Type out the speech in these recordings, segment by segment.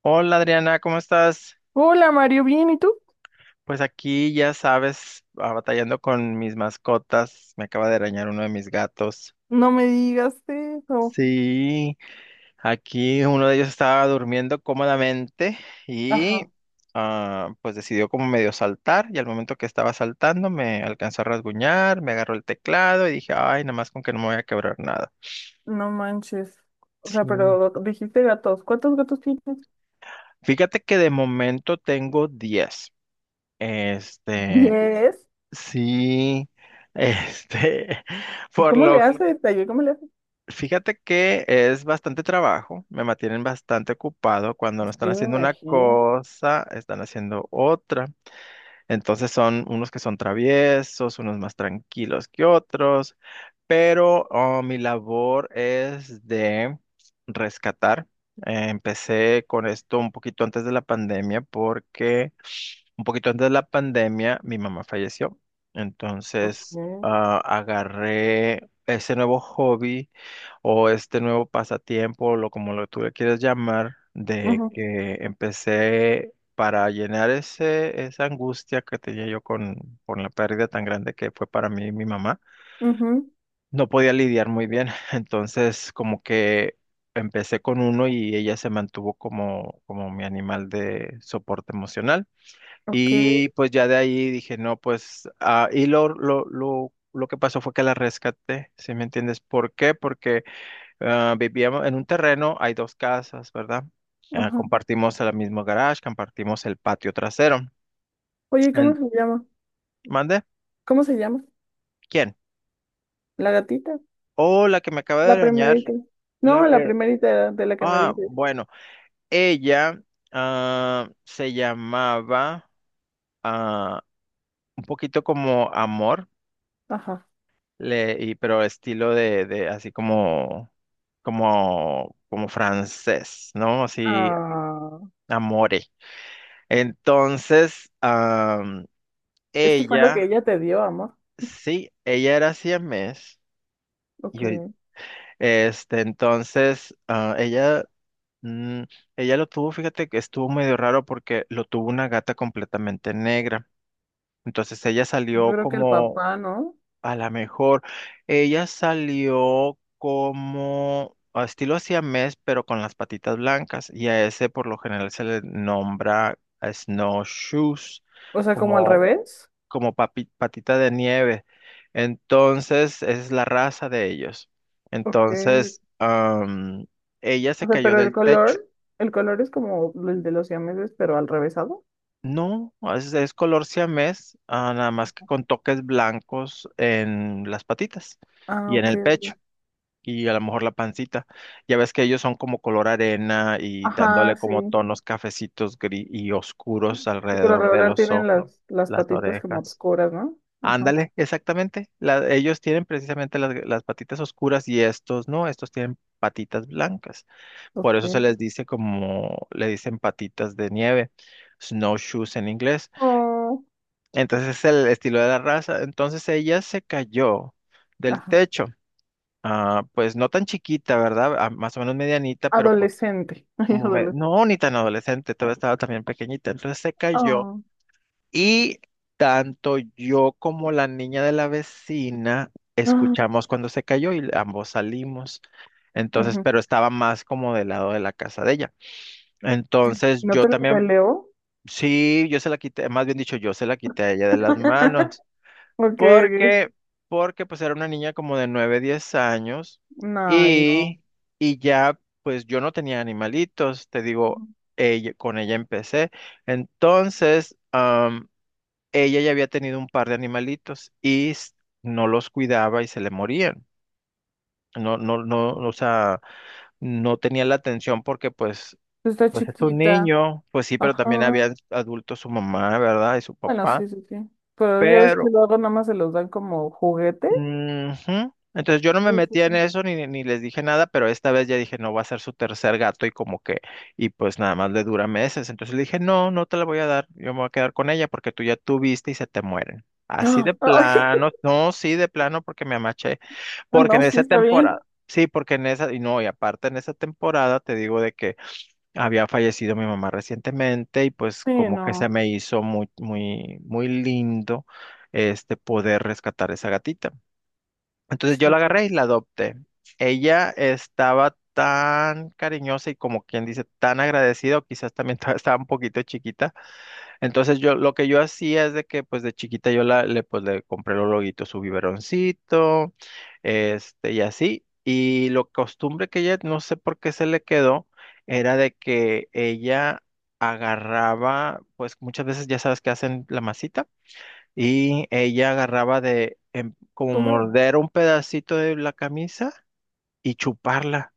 Hola Adriana, ¿cómo estás? Hola Mario, ¿bien? ¿Y tú? Pues aquí ya sabes, batallando con mis mascotas. Me acaba de arañar uno de mis gatos. No me digas eso. Sí, aquí uno de ellos estaba durmiendo cómodamente y Ajá, pues decidió como medio saltar y al momento que estaba saltando me alcanzó a rasguñar, me agarró el teclado y dije, ay, nada más con que no me voy a quebrar nada. no manches. O sea, Sí. pero dijiste gatos. ¿Cuántos gatos tienes? Fíjate que de momento tengo 10. Este, Diez. Sí, este, ¿Y por cómo le lo, haces? Ay, ¿cómo le haces? fíjate que es bastante trabajo, me mantienen bastante ocupado cuando no están Sí, me haciendo una imagino. cosa, están haciendo otra. Entonces son unos que son traviesos, unos más tranquilos que otros, pero mi labor es de rescatar. Empecé con esto un poquito antes de la pandemia porque un poquito antes de la pandemia, mi mamá falleció. Ok. Entonces, Ujú, agarré ese nuevo hobby o este nuevo pasatiempo, lo como lo tú le quieras llamar, de que empecé para llenar esa angustia que tenía yo con la pérdida tan grande que fue para mí mi mamá. ujú, No podía lidiar muy bien, entonces como que empecé con uno y ella se mantuvo como mi animal de soporte emocional. ok. Y pues ya de ahí dije, no, pues, y lo que pasó fue que la rescaté, ¿sí me entiendes? ¿Por qué? Porque vivíamos en un terreno, hay dos casas, ¿verdad? Ajá. Compartimos el mismo garage, compartimos el patio trasero. Oye, ¿cómo En- se llama? ¿Mande? ¿Cómo se llama? ¿Quién? ¿La gatita? Oh, la que me acaba de La arañar. primerita. la- No, la eh, primerita de la que me ah, dices. bueno, ella se llamaba ah, un poquito como Amor. Ajá. Pero estilo de así como francés, ¿no? Así, Ah, amore. Entonces, es que fue lo que ella, ella te dio, amor. sí, ella era siamés. Ok. Y ahorita- entonces, ella, mm, ella lo tuvo, fíjate que estuvo medio raro porque lo tuvo una gata completamente negra. Entonces ella Yo salió creo que el como papá, ¿no? A lo mejor ella salió como a estilo siamés, pero con las patitas blancas, y a ese por lo general se le nombra a snowshoes, O sea, como al como, revés. Patita de nieve. Entonces, esa es la raza de ellos. Ok. Entonces, ella O se sea, cayó pero del techo. El color es como el de los siameses, pero al revésado. No, es color siamés, nada más que con toques blancos en las patitas Ah, y en ok, el pecho. ok. Y a lo mejor la pancita. Ya ves que ellos son como color arena y Ajá, dándole como sí. tonos cafecitos gris y oscuros Sí, por lo alrededor de regular los tienen ojos, las las patitas como orejas. obscuras, ¿no? Ajá. Ándale, exactamente. Ellos tienen precisamente las patitas oscuras y estos no, estos tienen patitas blancas. Por Ok. eso se les dice como le dicen patitas de nieve, snowshoes en inglés. Oh, Entonces es el estilo de la raza. Entonces ella se cayó del ajá. techo. Pues no tan chiquita, ¿verdad? Más o menos medianita, pero pues Adolescente. Ay, como me... adolescente. No, ni tan adolescente, todavía estaba también pequeñita. Entonces se cayó Oh. y tanto yo como la niña de la vecina Ah, escuchamos cuando se cayó y ambos salimos. Entonces, ujú. pero estaba más como del lado de la casa de ella. Entonces ¿No yo te lo también, peleo? sí, yo se la quité, más bien dicho, yo se la quité a ella de las manos. Ok, ok. Porque, porque pues era una niña como de 9 10 años No, ay, no. y, y ya pues yo no tenía animalitos, te digo, con ella empecé. Entonces, ella ya había tenido un par de animalitos y no los cuidaba y se le morían. No, no, no, o sea, no tenía la atención porque pues, Pues está pues es un chiquita. niño, pues sí, pero Ajá. también había adultos, su mamá, ¿verdad? Y su Bueno, papá. sí, sí, sí. Pero ya ves que Pero luego nada más se los dan como juguete. ujú. Entonces yo no me Sí, sí, metía en sí. eso ni les dije nada, pero esta vez ya dije, no, va a ser su tercer gato y como que, y pues nada más le dura meses. Entonces le dije, no, no te la voy a dar, yo me voy a quedar con ella porque tú ya tuviste y se te mueren. Así de ¡Ah! Ay, plano, no, sí, de plano porque me amaché, porque en no, sí, esa está temporada, bien. sí, porque en esa, y no, y aparte en esa temporada te digo de que había fallecido mi mamá recientemente y pues Sí, como que se no. me hizo muy, muy, muy lindo este poder rescatar esa gatita. Entonces Sí. yo la agarré y la adopté. Ella estaba tan cariñosa y como quien dice, tan agradecida, o quizás también estaba un poquito chiquita. Entonces yo lo que yo hacía es de que pues de chiquita yo pues, le compré los loguitos, su biberoncito, y así. Y lo costumbre que ella, no sé por qué se le quedó, era de que ella agarraba, pues muchas veces ya sabes que hacen la masita. Y ella agarraba como ¿Cómo lo mato? morder un pedacito de la camisa y chuparla,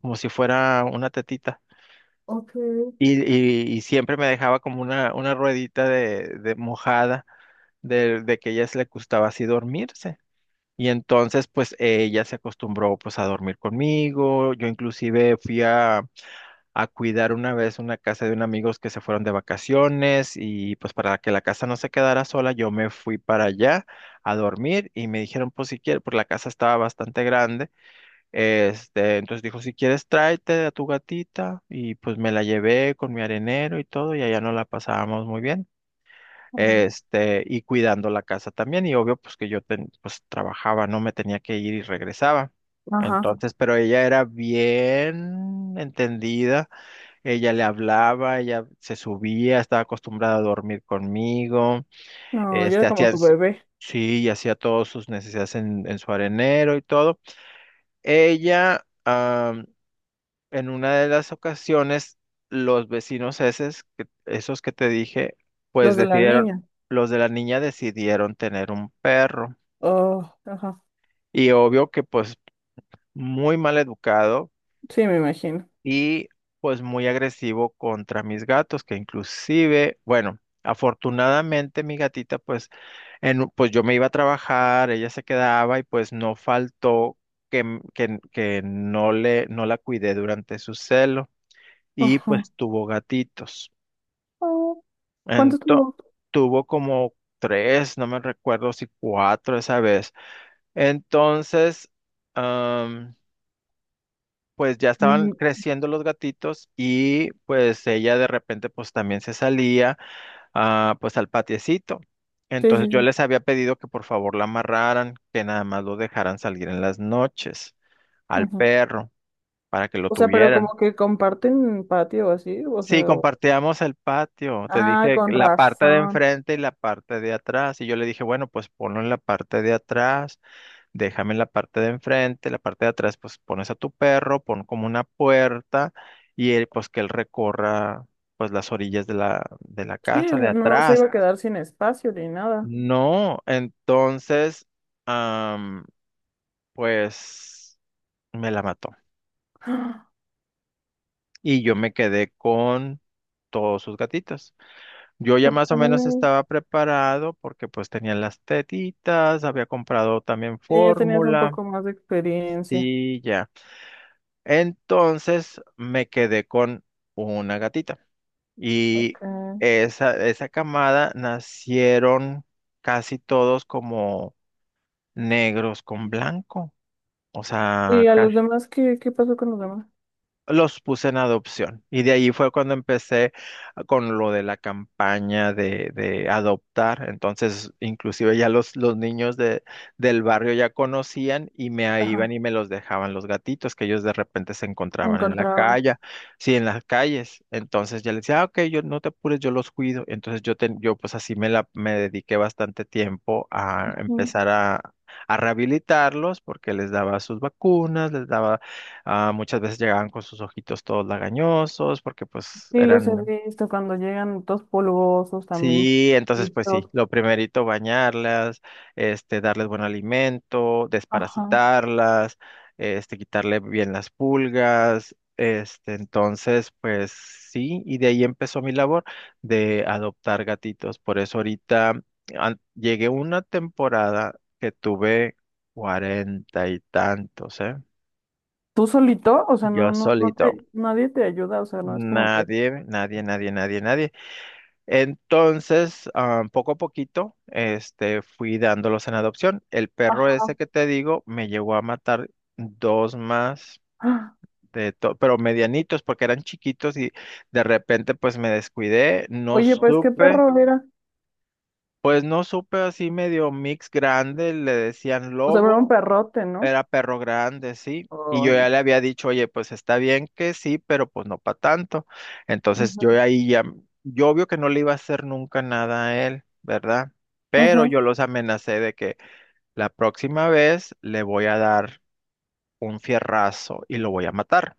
como si fuera una tetita. Ok. Y siempre me dejaba como una ruedita de mojada de que a ella se le gustaba así dormirse. Y entonces pues ella se acostumbró pues a dormir conmigo. Yo inclusive fui a cuidar una vez una casa de unos amigos que se fueron de vacaciones y pues para que la casa no se quedara sola, yo me fui para allá a dormir y me dijeron, pues si quieres, pues la casa estaba bastante grande, entonces dijo, si quieres tráete a tu gatita y pues me la llevé con mi arenero y todo y allá no la pasábamos muy bien. No. Y cuidando la casa también, y obvio, pues que pues trabajaba, no me tenía que ir y regresaba. Ajá. Entonces, pero ella era bien entendida, ella le hablaba, ella se subía, estaba acostumbrada a dormir conmigo, No, yo este, era como hacía, tu s- bebé. sí, y hacía todas sus necesidades en su arenero y todo. Ella, en una de las ocasiones, los vecinos esos que te dije, pues Los de la decidieron, niña. los de la niña decidieron tener un perro. Oh, ajá. Y obvio que pues muy mal educado Sí, me imagino. y pues muy agresivo contra mis gatos, que inclusive, bueno, afortunadamente mi gatita pues pues yo me iba a trabajar, ella se quedaba y pues no faltó que, m- que, n- que no le, no la cuidé durante su celo y Ajá. pues tuvo gatitos. Oh, ¿cuánto Entonces, tuvo? tuvo como tres, no me recuerdo si cuatro esa vez. Entonces, pues ya estaban Mm, creciendo los gatitos y pues ella de repente pues también se salía pues al patiecito. sí, Entonces sí, yo sí. les había pedido que por favor la amarraran, que nada más lo dejaran salir en las noches al Ujú. perro para que lo O sea, pero tuvieran. como que comparten patio o así, o Sí, sea, o... compartíamos el patio. Te Ah, dije que con la parte de razón. enfrente y la parte de atrás. Y yo le dije, bueno, pues ponlo en la parte de atrás. Déjame en la parte de enfrente, la parte de atrás, pues pones a tu perro, pon como una puerta y él, pues que él recorra pues las orillas de la Sí, o casa, de sea, no, no se iba atrás. a quedar sin espacio ni nada. No, entonces, am, pues me la mató y yo me quedé con todos sus gatitos. Yo ya más o menos Ok. estaba preparado porque pues tenía las tetitas, había comprado también Sí, ya tenías un fórmula poco más de experiencia. y ya. Entonces me quedé con una gatita Ok. y esa, de esa camada nacieron casi todos como negros con blanco, o ¿Y sea, a los casi. demás qué, qué pasó con los demás? Los puse en adopción. Y de ahí fue cuando empecé con lo de la campaña de adoptar. Entonces, inclusive ya los niños del barrio ya conocían y me ahí iban Ajá, y me los dejaban los gatitos que ellos de repente se encontraban en la encontraban. calle, sí, en las calles. Entonces ya les decía, "Ah, ok, yo no te apures, yo los cuido". Entonces yo, yo pues así me, me dediqué bastante tiempo a Mm. empezar a rehabilitarlos porque les daba sus vacunas, les daba... muchas veces llegaban con sus ojitos todos lagañosos porque pues Sí, los he eran... visto cuando llegan todos polvosos también. Sí, entonces Y pues sí, todo. lo primerito bañarlas, darles buen alimento, Ajá. desparasitarlas, quitarle bien las pulgas, entonces pues sí, y de ahí empezó mi labor de adoptar gatitos. Por eso ahorita llegué una temporada que tuve 40 y tantos, ¿eh? ¿Tú solito? O sea, no, Yo no, no solito. te, nadie te ayuda, o sea, no es como que. Nadie, nadie, nadie, nadie, nadie. Entonces, poco a poquito, fui dándolos en adopción. El perro ese Ajá. que te digo me llegó a matar dos más Ah, pero medianitos porque eran chiquitos y de repente pues me descuidé, no oye, pues qué supe, perro era. pues no supe así medio mix grande, le decían O sea, era un lobo. perrote, ¿no? Era perro grande, sí. Y yo ya Ay. le había dicho, oye, pues está bien que sí, pero pues no para tanto. Entonces yo Ujú. ahí ya, yo obvio que no le iba a hacer nunca nada a él, ¿verdad? Pero Ujú, yo los amenacé de que la próxima vez le voy a dar un fierrazo y lo voy a matar.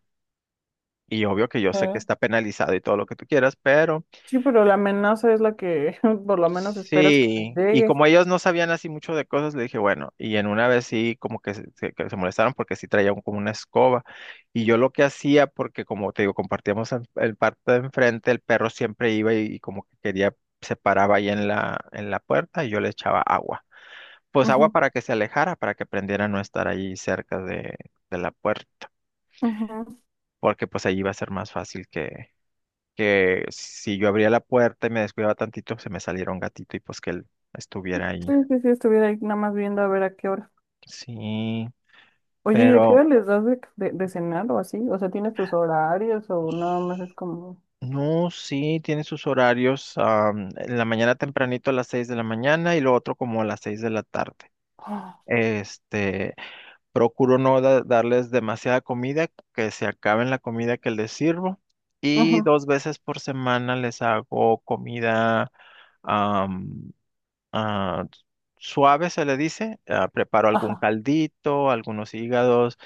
Y obvio que yo sé que eh. está penalizado y todo lo que tú quieras, pero Sí, pero la amenaza es la que por lo menos esperas que sí, y llegue. como ellos no sabían así mucho de cosas, le dije, bueno, y en una vez sí, como que que se molestaron porque sí traía como una escoba. Y yo lo que hacía, porque como te digo, compartíamos el parte de enfrente, el perro siempre iba y como que quería, se paraba ahí en la puerta y yo le echaba agua. Pues Ujú, agua para que se alejara, para que aprendiera a no estar ahí cerca de la puerta, ujú. porque pues ahí iba a ser más fácil que si yo abría la puerta y me descuidaba tantito, se me saliera un gatito y pues que él estuviera Sí, ahí. sí, sí, estuviera ahí nada más viendo a ver a qué hora. Sí, Oye, ¿y a qué pero hora les das de cenar o así? O sea, ¿tienes tus horarios o nada más es como... no, sí, tiene sus horarios. En la mañana tempranito a las 6 de la mañana y lo otro como a las 6 de la tarde. ah, Este, procuro no darles demasiada comida, que se acaben la comida que les sirvo. Y ujú, dos veces por semana les hago comida, ah, suave, se le dice. Ah, preparo algún ajá. caldito, algunos hígados,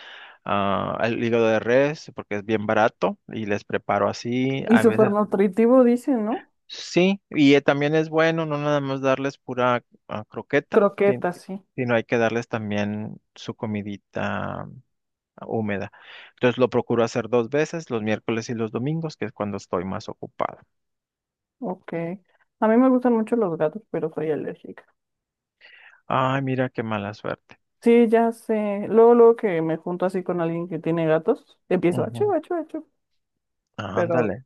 el hígado de res, porque es bien barato y les preparo así. Y A súper veces nutritivo dicen, ¿no? sí, y también es bueno no nada más darles pura croqueta, sí, Croquetas, sí. sino hay que darles también su comidita húmeda. Entonces lo procuro hacer dos veces, los miércoles y los domingos, que es cuando estoy más ocupado. Ok. A mí me gustan mucho los gatos, pero soy alérgica. Ay, mira qué mala suerte. Sí, ya sé. Luego, luego que me junto así con alguien que tiene gatos, empiezo a chu, Ujú. achu, achu. Pero, Ándale.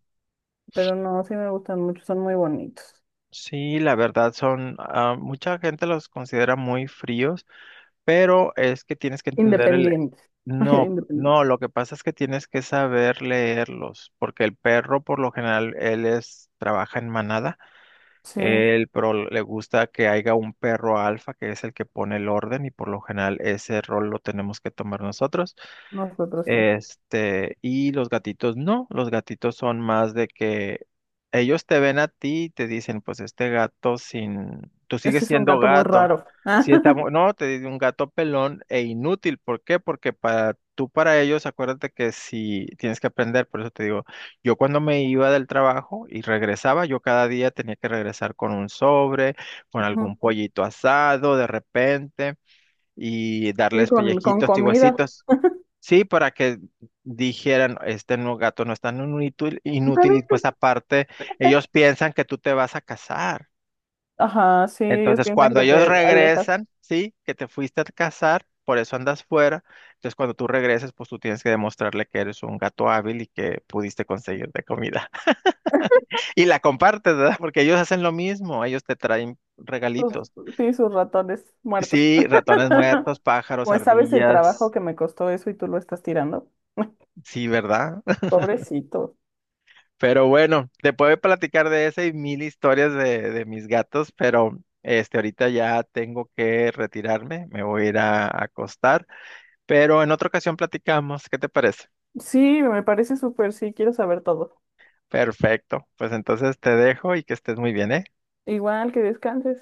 pero no, sí me gustan mucho, son muy bonitos. Sí, la verdad son, mucha gente los considera muy fríos, pero es que tienes que entender el... Independientes. No, no, Independientes. lo que pasa es que tienes que saber leerlos, porque el perro por lo general, trabaja en manada, Sí, él, pero le gusta que haya un perro alfa, que es el que pone el orden, y por lo general ese rol lo tenemos que tomar nosotros. nosotros sí. Y los gatitos no, los gatitos son más de que ellos te ven a ti y te dicen, pues este gato sin, tú sigues Este es un siendo gato muy gato. raro. Si está, no, te dice un gato pelón e inútil. ¿Por qué? Porque para tú, para ellos, acuérdate que si tienes que aprender, por eso te digo, yo cuando me iba del trabajo y regresaba, yo cada día tenía que regresar con un sobre, con algún Ujú. pollito asado de repente y Sí, darles con pellejitos y comida. huesitos. Sí, para que dijeran, este no gato no es tan inútil, inútil y También, pues aparte ellos piensan que tú te vas a casar. ajá, sí, ellos Entonces piensan cuando que ellos te alejas. regresan, sí, que te fuiste a casar, por eso andas fuera. Entonces cuando tú regreses, pues tú tienes que demostrarle que eres un gato hábil y que pudiste conseguirte comida. Y la compartes, ¿verdad? Porque ellos hacen lo mismo, ellos te traen Sus, regalitos. sí, sus ratones muertos. Sí, ratones muertos, pájaros, Pues sabes el trabajo ardillas. que me costó eso y tú lo estás tirando. Sí, ¿verdad? Pobrecito. Pero bueno, te puedo platicar de esa y mil historias de mis gatos, pero este ahorita ya tengo que retirarme, me voy a ir a acostar, pero en otra ocasión platicamos, ¿qué te parece? Sí, me parece súper, sí, quiero saber todo. Perfecto, pues entonces te dejo y que estés muy bien, ¿eh? Igual que descanses.